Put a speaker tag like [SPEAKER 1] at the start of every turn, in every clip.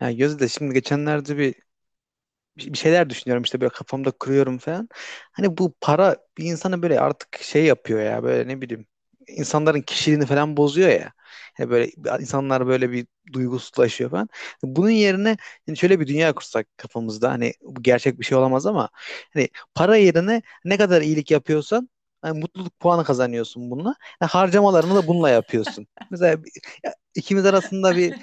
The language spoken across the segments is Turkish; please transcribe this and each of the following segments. [SPEAKER 1] Ya Gözde şimdi geçenlerde bir şeyler düşünüyorum işte böyle kafamda kırıyorum falan. Hani bu para bir insanı böyle artık şey yapıyor ya böyle ne bileyim insanların kişiliğini falan bozuyor ya. Hani böyle insanlar böyle bir duygusuzlaşıyor falan. Bunun yerine hani şöyle bir dünya kursak kafamızda, hani bu gerçek bir şey olamaz ama hani para yerine ne kadar iyilik yapıyorsan hani mutluluk puanı kazanıyorsun bununla. Yani harcamalarını da bununla yapıyorsun. Mesela ya ikimiz arasında bir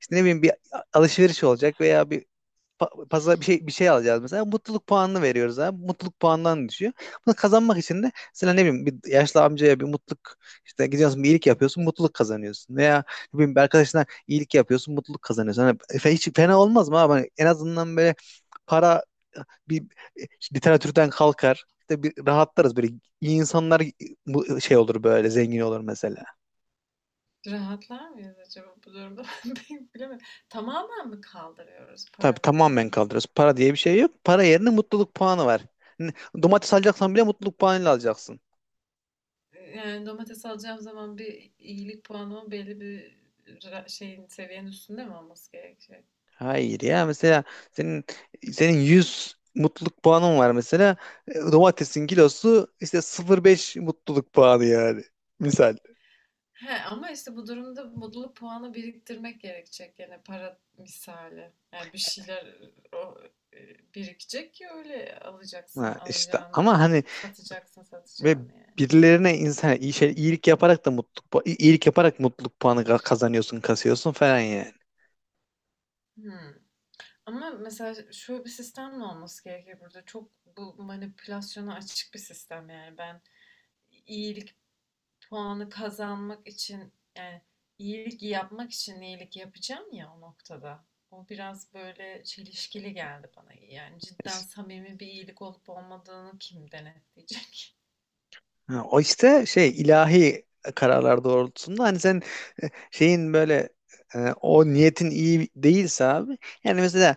[SPEAKER 1] işte ne bileyim bir alışveriş olacak veya bir pazar bir şey alacağız mesela. Mutluluk puanını veriyoruz abi. Mutluluk puanından düşüyor. Bunu kazanmak için de mesela ne bileyim bir yaşlı amcaya bir mutluluk işte gidiyorsun bir iyilik yapıyorsun mutluluk kazanıyorsun. Veya ne bileyim bir arkadaşına iyilik yapıyorsun mutluluk kazanıyorsun. Hani hiç fena olmaz mı abi? Hani en azından böyle para e, bir işte literatürden kalkar. İşte bir rahatlarız böyle, iyi insanlar bu şey olur, böyle zengin olur mesela.
[SPEAKER 2] Rahatlar mıyız acaba bu durumda? Pek bilemedim. Tamamen mi kaldırıyoruz
[SPEAKER 1] Tabii
[SPEAKER 2] paramı?
[SPEAKER 1] tamamen kaldırırız. Para diye bir şey yok. Para yerine mutluluk puanı var. N- Domates alacaksan bile mutluluk puanıyla alacaksın.
[SPEAKER 2] Yani domates alacağım zaman bir iyilik puanımın belli bir ra- şeyin seviyenin üstünde mi olması gerekecek?
[SPEAKER 1] Hayır ya, mesela senin senin 100 mutluluk puanın var mesela. Domatesin kilosu işte 0,5 mutluluk puanı yani. Misal.
[SPEAKER 2] He, ama işte bu durumda mutluluk puanı biriktirmek gerekecek yani para misali. Yani bir şeyler birikecek ki öyle alacaksın
[SPEAKER 1] Ha işte, ama
[SPEAKER 2] alacağını,
[SPEAKER 1] hani
[SPEAKER 2] satacaksın
[SPEAKER 1] ve
[SPEAKER 2] satacağını yani.
[SPEAKER 1] birilerine insan iyi şey iyilik yaparak da mutluluk iyilik yaparak mutluluk puanı kazanıyorsun, kasıyorsun falan yani.
[SPEAKER 2] Hmm. Ama mesela şöyle bir sistem de olması gerekir burada. Çok bu manipülasyona açık bir sistem yani. Ben iyilik puanı kazanmak için yani iyilik yapmak için iyilik yapacağım ya o noktada. O biraz böyle çelişkili geldi bana. Yani cidden
[SPEAKER 1] İşte-
[SPEAKER 2] samimi bir iyilik olup olmadığını kim denetleyecek?
[SPEAKER 1] ha, o işte şey ilahi kararlar doğrultusunda hani sen şeyin böyle o niyetin iyi değilse abi, yani mesela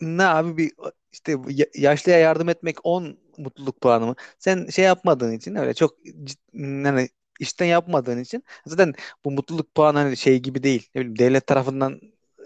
[SPEAKER 1] ne abi, bir işte yaşlıya yardım etmek 10 mutluluk puanı mı? Sen şey yapmadığın için öyle çok yani işten yapmadığın için zaten bu mutluluk puanı hani şey gibi değil. Ne bileyim devlet tarafından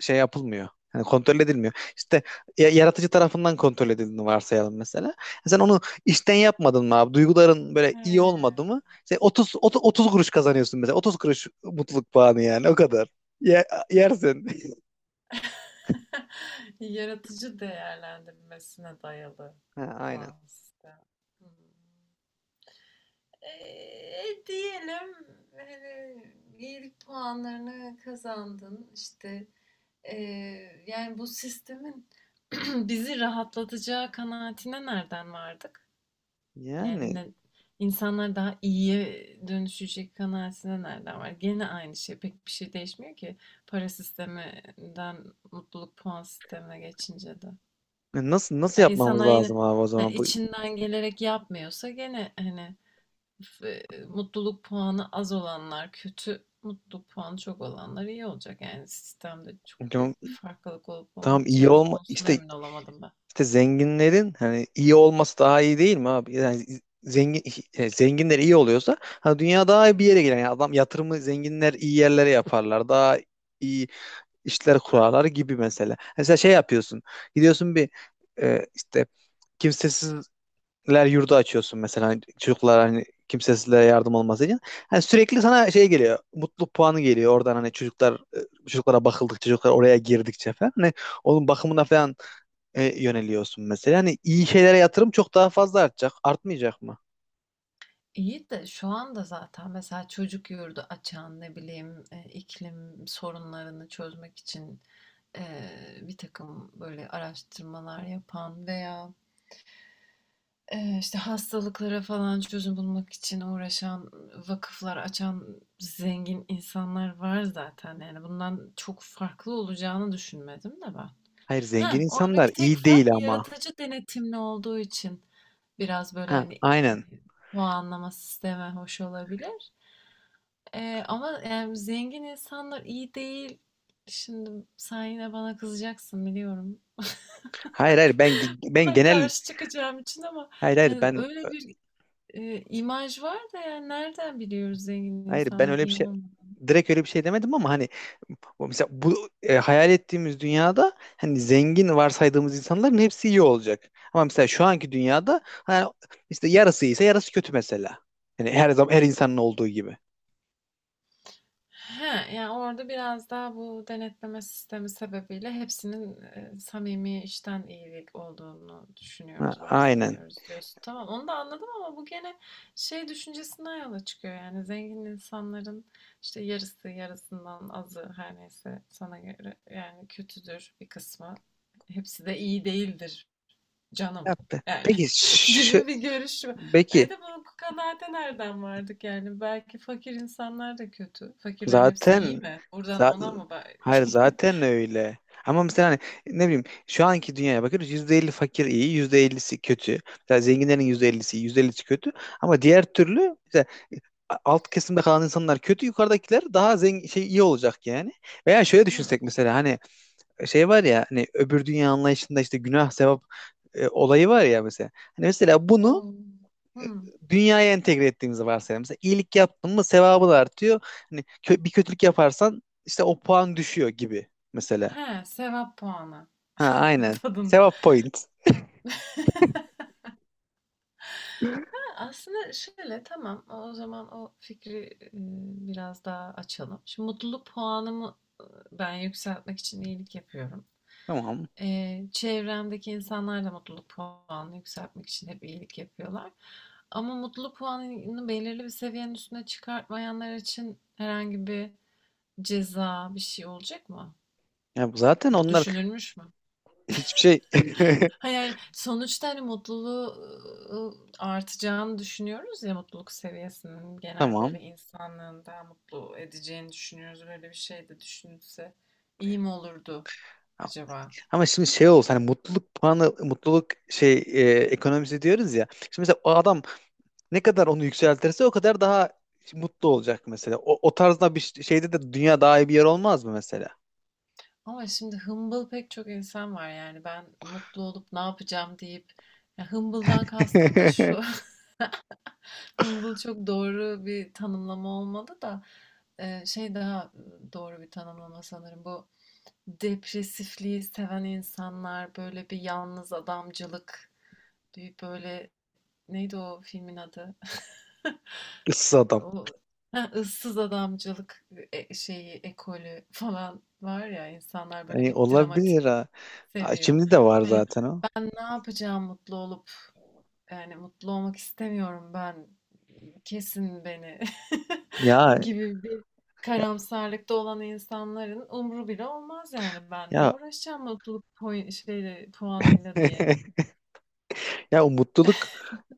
[SPEAKER 1] şey yapılmıyor. Yani kontrol edilmiyor. İşte yaratıcı tarafından kontrol edildiğini varsayalım mesela. Sen onu işten yapmadın mı abi? Duyguların böyle
[SPEAKER 2] He.
[SPEAKER 1] iyi olmadı mı? Sen 30 kuruş kazanıyorsun mesela. 30 kuruş mutluluk puanı yani, o kadar. Ye- Yersin.
[SPEAKER 2] Yaratıcı değerlendirmesine dayalı
[SPEAKER 1] Ha, aynen.
[SPEAKER 2] puan sistemi. Hmm. Diyelim hani iyilik puanlarını kazandın işte yani bu sistemin bizi rahatlatacağı kanaatine nereden vardık? Yani
[SPEAKER 1] Yani
[SPEAKER 2] ne, insanlar daha iyiye dönüşecek kanaatine nereden var? Gene aynı şey pek bir şey değişmiyor ki para sisteminden mutluluk puan sistemine geçince de.
[SPEAKER 1] Nasıl
[SPEAKER 2] Yani
[SPEAKER 1] yapmamız
[SPEAKER 2] insanlar yine
[SPEAKER 1] lazım abi, o
[SPEAKER 2] yani
[SPEAKER 1] zaman bu
[SPEAKER 2] içinden gelerek yapmıyorsa gene hani e, mutluluk puanı az olanlar kötü, mutluluk puanı çok olanlar iyi olacak. Yani sistemde çok
[SPEAKER 1] tamam,
[SPEAKER 2] büyük bir farklılık olup
[SPEAKER 1] tamam iyi
[SPEAKER 2] olmayacağı
[SPEAKER 1] olma
[SPEAKER 2] konusunda
[SPEAKER 1] işte
[SPEAKER 2] emin olamadım ben.
[SPEAKER 1] zenginlerin hani iyi olması daha iyi değil mi abi? Yani zengin zenginler iyi oluyorsa ha, dünya daha iyi bir yere gider. Yani adam yatırımı zenginler iyi yerlere yaparlar. Daha iyi işler kurarlar gibi mesela. Mesela şey yapıyorsun. Gidiyorsun bir işte kimsesiz ler yurdu açıyorsun mesela, hani çocuklar, hani kimsesizlere yardım olması için. Hani sürekli sana şey geliyor. Mutluluk puanı geliyor oradan, hani çocuklar çocuklara bakıldıkça, çocuklar oraya girdikçe falan. Hani onun bakımına falan yöneliyorsun mesela. Hani iyi şeylere yatırım çok daha fazla artacak. Artmayacak mı?
[SPEAKER 2] İyi de şu anda zaten mesela çocuk yurdu açan ne bileyim iklim sorunlarını çözmek için e, bir takım böyle araştırmalar yapan veya işte hastalıklara falan çözüm bulmak için uğraşan vakıflar açan zengin insanlar var zaten. Yani bundan çok farklı olacağını düşünmedim de ben.
[SPEAKER 1] Hayır, zengin
[SPEAKER 2] Ha,
[SPEAKER 1] insanlar
[SPEAKER 2] oradaki tek
[SPEAKER 1] iyi değil
[SPEAKER 2] fark
[SPEAKER 1] ama.
[SPEAKER 2] yaratıcı denetimli olduğu için biraz böyle
[SPEAKER 1] Ha,
[SPEAKER 2] hani
[SPEAKER 1] aynen.
[SPEAKER 2] puanlama sistemi hoş olabilir. Ama yani zengin insanlar iyi değil. Şimdi sen yine bana kızacaksın biliyorum.
[SPEAKER 1] Hayır hayır, ben
[SPEAKER 2] Buna
[SPEAKER 1] genel,
[SPEAKER 2] karşı çıkacağım için ama
[SPEAKER 1] hayır
[SPEAKER 2] yani
[SPEAKER 1] ben,
[SPEAKER 2] öyle bir imaj var da yani nereden biliyoruz zengin
[SPEAKER 1] hayır ben
[SPEAKER 2] insanların
[SPEAKER 1] öyle bir
[SPEAKER 2] iyi
[SPEAKER 1] şey
[SPEAKER 2] olmadığını?
[SPEAKER 1] direkt öyle bir şey demedim ama hani o mesela bu hayal ettiğimiz dünyada hani zengin varsaydığımız insanların hepsi iyi olacak. Ama mesela şu anki dünyada hani işte yarısı iyiyse yarısı kötü mesela. Yani her zaman her insanın olduğu gibi.
[SPEAKER 2] He, yani orada biraz daha bu denetleme sistemi sebebiyle hepsinin samimi işten iyilik olduğunu
[SPEAKER 1] Ha,
[SPEAKER 2] düşünüyoruz,
[SPEAKER 1] aynen.
[SPEAKER 2] varsayıyoruz diyorsun. Tamam, onu da anladım ama bu gene şey düşüncesinden yola çıkıyor. Yani zengin insanların işte yarısı, yarısından azı her neyse sana göre yani kötüdür bir kısmı. Hepsi de iyi değildir
[SPEAKER 1] Ya,
[SPEAKER 2] canım yani
[SPEAKER 1] peki
[SPEAKER 2] gibi bir görüş var. E
[SPEAKER 1] peki
[SPEAKER 2] de bu kanaate nereden vardık yani? Belki fakir insanlar da kötü. Fakirlerin hepsi iyi
[SPEAKER 1] zaten
[SPEAKER 2] mi? Buradan
[SPEAKER 1] Za-
[SPEAKER 2] ona mı
[SPEAKER 1] hayır,
[SPEAKER 2] belki?
[SPEAKER 1] zaten öyle. Ama mesela hani ne bileyim şu anki dünyaya bakıyoruz, %50 iyi, %50'si kötü. Mesela zenginlerin %50'si iyi, %50'si kötü. Ama diğer türlü mesela e, alt kesimde kalan insanlar kötü, yukarıdakiler daha zengin şey iyi olacak yani. Veya şöyle
[SPEAKER 2] Hmm.
[SPEAKER 1] düşünsek mesela, hani şey var ya, hani öbür dünya anlayışında işte günah sevap olayı var ya mesela. Hani mesela bunu
[SPEAKER 2] Oo. Hmm.
[SPEAKER 1] dünyaya entegre ettiğimizi varsayalım. Mesela iyilik yaptın mı sevabı da artıyor. Hani bir kötülük yaparsan işte o puan düşüyor gibi mesela.
[SPEAKER 2] He, sevap puanı
[SPEAKER 1] Ha, aynen.
[SPEAKER 2] tadında.
[SPEAKER 1] Sevap point.
[SPEAKER 2] Aslında şöyle, tamam, o zaman o fikri, biraz daha açalım. Şimdi mutluluk puanımı, ben yükseltmek için iyilik yapıyorum.
[SPEAKER 1] Tamam.
[SPEAKER 2] Çevremdeki insanlar da mutluluk puanını yükseltmek için hep iyilik yapıyorlar. Ama mutluluk puanını belirli bir seviyenin üstüne çıkartmayanlar için herhangi bir ceza, bir şey olacak mı?
[SPEAKER 1] Ya bu zaten
[SPEAKER 2] O
[SPEAKER 1] onlar
[SPEAKER 2] düşünülmüş mü?
[SPEAKER 1] hiçbir şey.
[SPEAKER 2] Ha, yani, sonuçta, hani, mutluluğu, ııı, artacağını düşünüyoruz ya, mutluluk seviyesinin genel
[SPEAKER 1] Tamam.
[SPEAKER 2] böyle insanlığın daha mutlu edeceğini düşünüyoruz. Böyle bir şey de düşünülse iyi mi olurdu acaba?
[SPEAKER 1] Ama şimdi şey olsa hani mutluluk puanı mutluluk şey ekonomisi diyoruz ya. Şimdi mesela o adam ne kadar onu yükseltirse o kadar daha mutlu olacak mesela. O, o tarzda bir şeyde de dünya daha iyi bir yer olmaz mı mesela?
[SPEAKER 2] Ama şimdi hımbıl pek çok insan var, yani, ben mutlu olup ne yapacağım deyip ya, hımbıldan kastım da şu, hımbıl çok doğru bir tanımlama olmadı da, şey daha, doğru bir tanımlama sanırım bu. Depresifliği seven insanlar, böyle bir yalnız adamcılık, bir böyle neydi o filmin adı?
[SPEAKER 1] Issız adam.
[SPEAKER 2] O ha, ıssız adamcılık şeyi ekolü falan var ya, insanlar böyle
[SPEAKER 1] Yani
[SPEAKER 2] bir dramatik
[SPEAKER 1] olabilir ha. Aa,
[SPEAKER 2] seviyor.
[SPEAKER 1] şimdi de var
[SPEAKER 2] Hani
[SPEAKER 1] zaten o.
[SPEAKER 2] ben ne yapacağım mutlu olup. Yani mutlu olmak istemiyorum ben. Kesin beni
[SPEAKER 1] Ya
[SPEAKER 2] gibi bir
[SPEAKER 1] ya
[SPEAKER 2] karamsarlıkta olan insanların umru bile olmaz yani ben ne
[SPEAKER 1] ya,
[SPEAKER 2] uğraşacağım mutluluk puan, şeyle, puanıyla diye.
[SPEAKER 1] ya o mutluluk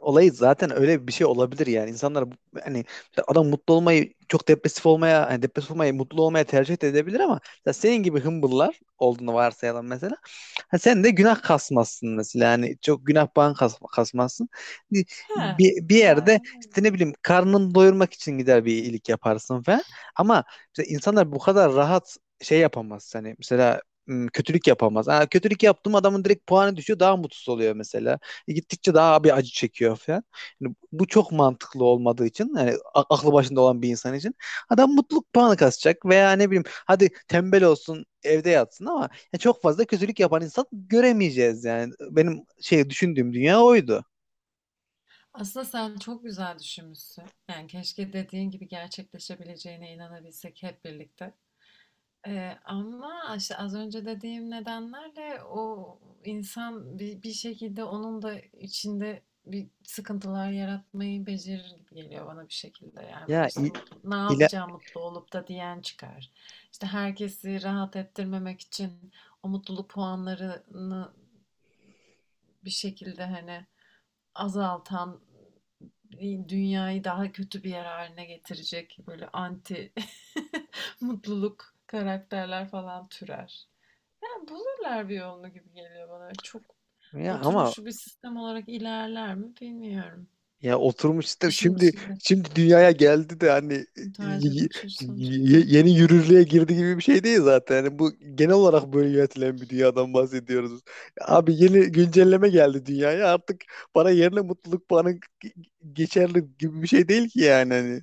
[SPEAKER 1] olayı zaten öyle bir şey olabilir yani. İnsanlar hani mesela adam mutlu olmayı çok depresif olmaya, hani depresif olmayı mutlu olmaya tercih de edebilir ama mesela senin gibi hımbıllar olduğunu varsayalım mesela. Ha, sen de günah kasmazsın mesela. Yani çok günah bağın kasmazsın. Bir,
[SPEAKER 2] He,
[SPEAKER 1] bir
[SPEAKER 2] ben
[SPEAKER 1] yerde işte ne bileyim karnını doyurmak için gider bir iyilik yaparsın falan. Ama mesela insanlar bu kadar rahat şey yapamaz. Hani mesela kötülük yapamaz. Ha, kötülük yaptım, adamın direkt puanı düşüyor, daha mutsuz oluyor mesela. Gittikçe daha bir acı çekiyor falan. Yani bu çok mantıklı olmadığı için yani aklı başında olan bir insan için adam mutluluk puanı kasacak veya ne bileyim hadi tembel olsun evde yatsın ama ya çok fazla kötülük yapan insan göremeyeceğiz yani. Benim şey düşündüğüm dünya oydu.
[SPEAKER 2] aslında sen çok güzel düşünmüşsün. Yani keşke dediğin gibi gerçekleşebileceğine inanabilsek hep birlikte. Ama işte az önce dediğim nedenlerle o insan bir şekilde onun da içinde bir sıkıntılar yaratmayı becerir gibi geliyor bana bir şekilde. Yani böyle
[SPEAKER 1] Ya
[SPEAKER 2] işte
[SPEAKER 1] i-
[SPEAKER 2] mutlu, ne
[SPEAKER 1] ile,
[SPEAKER 2] yapacağım mutlu olup da diyen çıkar. İşte herkesi rahat ettirmemek için o mutluluk puanlarını bir şekilde hani azaltan, dünyayı daha kötü bir yer haline getirecek böyle anti mutluluk karakterler falan türer. Yani bulurlar bir yolunu gibi geliyor bana. Çok
[SPEAKER 1] ya ama,
[SPEAKER 2] oturmuş bir sistem olarak ilerler mi bilmiyorum.
[SPEAKER 1] ya oturmuş sistem
[SPEAKER 2] İşin
[SPEAKER 1] şimdi,
[SPEAKER 2] içinde
[SPEAKER 1] şimdi dünyaya geldi de hani
[SPEAKER 2] bu tarz bir
[SPEAKER 1] y-
[SPEAKER 2] bakış açısı olacak. Hı.
[SPEAKER 1] yeni yürürlüğe girdi gibi bir şey değil zaten. Yani bu genel olarak böyle yönetilen bir dünyadan bahsediyoruz. Abi yeni güncelleme geldi dünyaya, artık para yerine mutluluk puanı g- geçerli gibi bir şey değil ki yani. Hani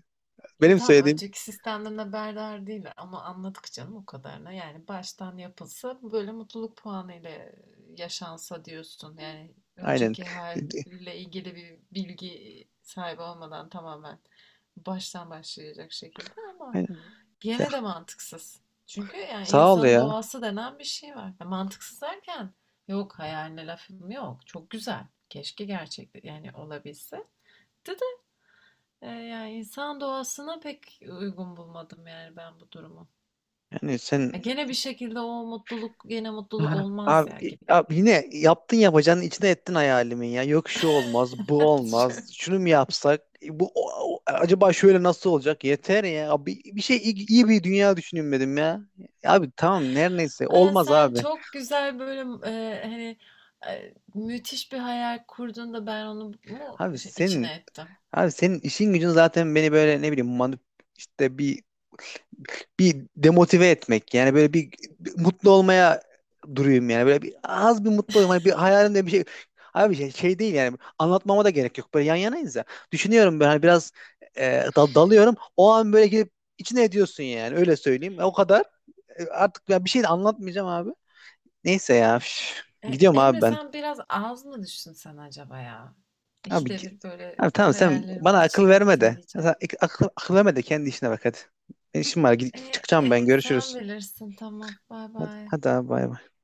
[SPEAKER 2] E,
[SPEAKER 1] benim
[SPEAKER 2] tamam,
[SPEAKER 1] söylediğim.
[SPEAKER 2] önceki sistemden haberdar değil ama anladık canım o kadarına. Yani baştan yapılsa böyle mutluluk puanı ile yaşansa diyorsun. Yani
[SPEAKER 1] Aynen.
[SPEAKER 2] önceki halle ilgili bir bilgi sahibi olmadan tamamen baştan başlayacak şekilde ama
[SPEAKER 1] Aynen.
[SPEAKER 2] gene de mantıksız. Çünkü yani
[SPEAKER 1] Sağ ol
[SPEAKER 2] insanın
[SPEAKER 1] ya.
[SPEAKER 2] doğası denen bir şey var. Ya mantıksız derken yok, hayaline lafım yok. Çok güzel. Keşke gerçekte yani olabilse. De de yani insan doğasına pek uygun bulmadım yani ben bu durumu.
[SPEAKER 1] Yani
[SPEAKER 2] Ya
[SPEAKER 1] sen
[SPEAKER 2] gene bir şekilde o mutluluk gene mutluluk olmaz
[SPEAKER 1] abi,
[SPEAKER 2] ya gibi geliyor.
[SPEAKER 1] yine yaptın yapacağın, içine ettin hayalimin ya. Yok şu olmaz, bu
[SPEAKER 2] Şöyle.
[SPEAKER 1] olmaz. Şunu mu yapsak? Bu acaba şöyle nasıl olacak? Yeter ya. Abi bir şey iyi, iyi bir dünya düşünmedim ya. Abi tamam, neredeyse
[SPEAKER 2] Ay,
[SPEAKER 1] olmaz
[SPEAKER 2] sen
[SPEAKER 1] abi.
[SPEAKER 2] çok güzel böyle hani müthiş bir hayal kurdun da ben onu mu
[SPEAKER 1] Abi
[SPEAKER 2] şey,
[SPEAKER 1] senin,
[SPEAKER 2] içine ettim?
[SPEAKER 1] abi senin işin gücün zaten beni böyle ne bileyim manip işte bir bir demotive etmek yani böyle bir, bir mutlu olmaya duruyum yani böyle bir az bir mutlu olayım hani bir hayalimde bir şey abi şey, şey değil yani anlatmama da gerek yok böyle yan yanayız ya düşünüyorum ben hani biraz dalıyorum o an böyle gidip içine ediyorsun yani öyle söyleyeyim, o kadar. Artık ben bir şey de anlatmayacağım abi, neyse ya, üf.
[SPEAKER 2] E,
[SPEAKER 1] Gidiyorum abi
[SPEAKER 2] Emre,
[SPEAKER 1] ben.
[SPEAKER 2] sen biraz az mı düşünsen acaba ya?
[SPEAKER 1] Abi,
[SPEAKER 2] İkide bir böyle
[SPEAKER 1] abi tamam, sen
[SPEAKER 2] hayallerimin
[SPEAKER 1] bana akıl
[SPEAKER 2] içine
[SPEAKER 1] verme
[SPEAKER 2] ettin
[SPEAKER 1] de, ya sen,
[SPEAKER 2] diyeceğim.
[SPEAKER 1] akıl verme de kendi işine bak hadi. Ben işim var, gidip çıkacağım ben,
[SPEAKER 2] Sen
[SPEAKER 1] görüşürüz.
[SPEAKER 2] bilirsin, tamam. Bay
[SPEAKER 1] Hadi,
[SPEAKER 2] bay.
[SPEAKER 1] hadi abi, bay bay.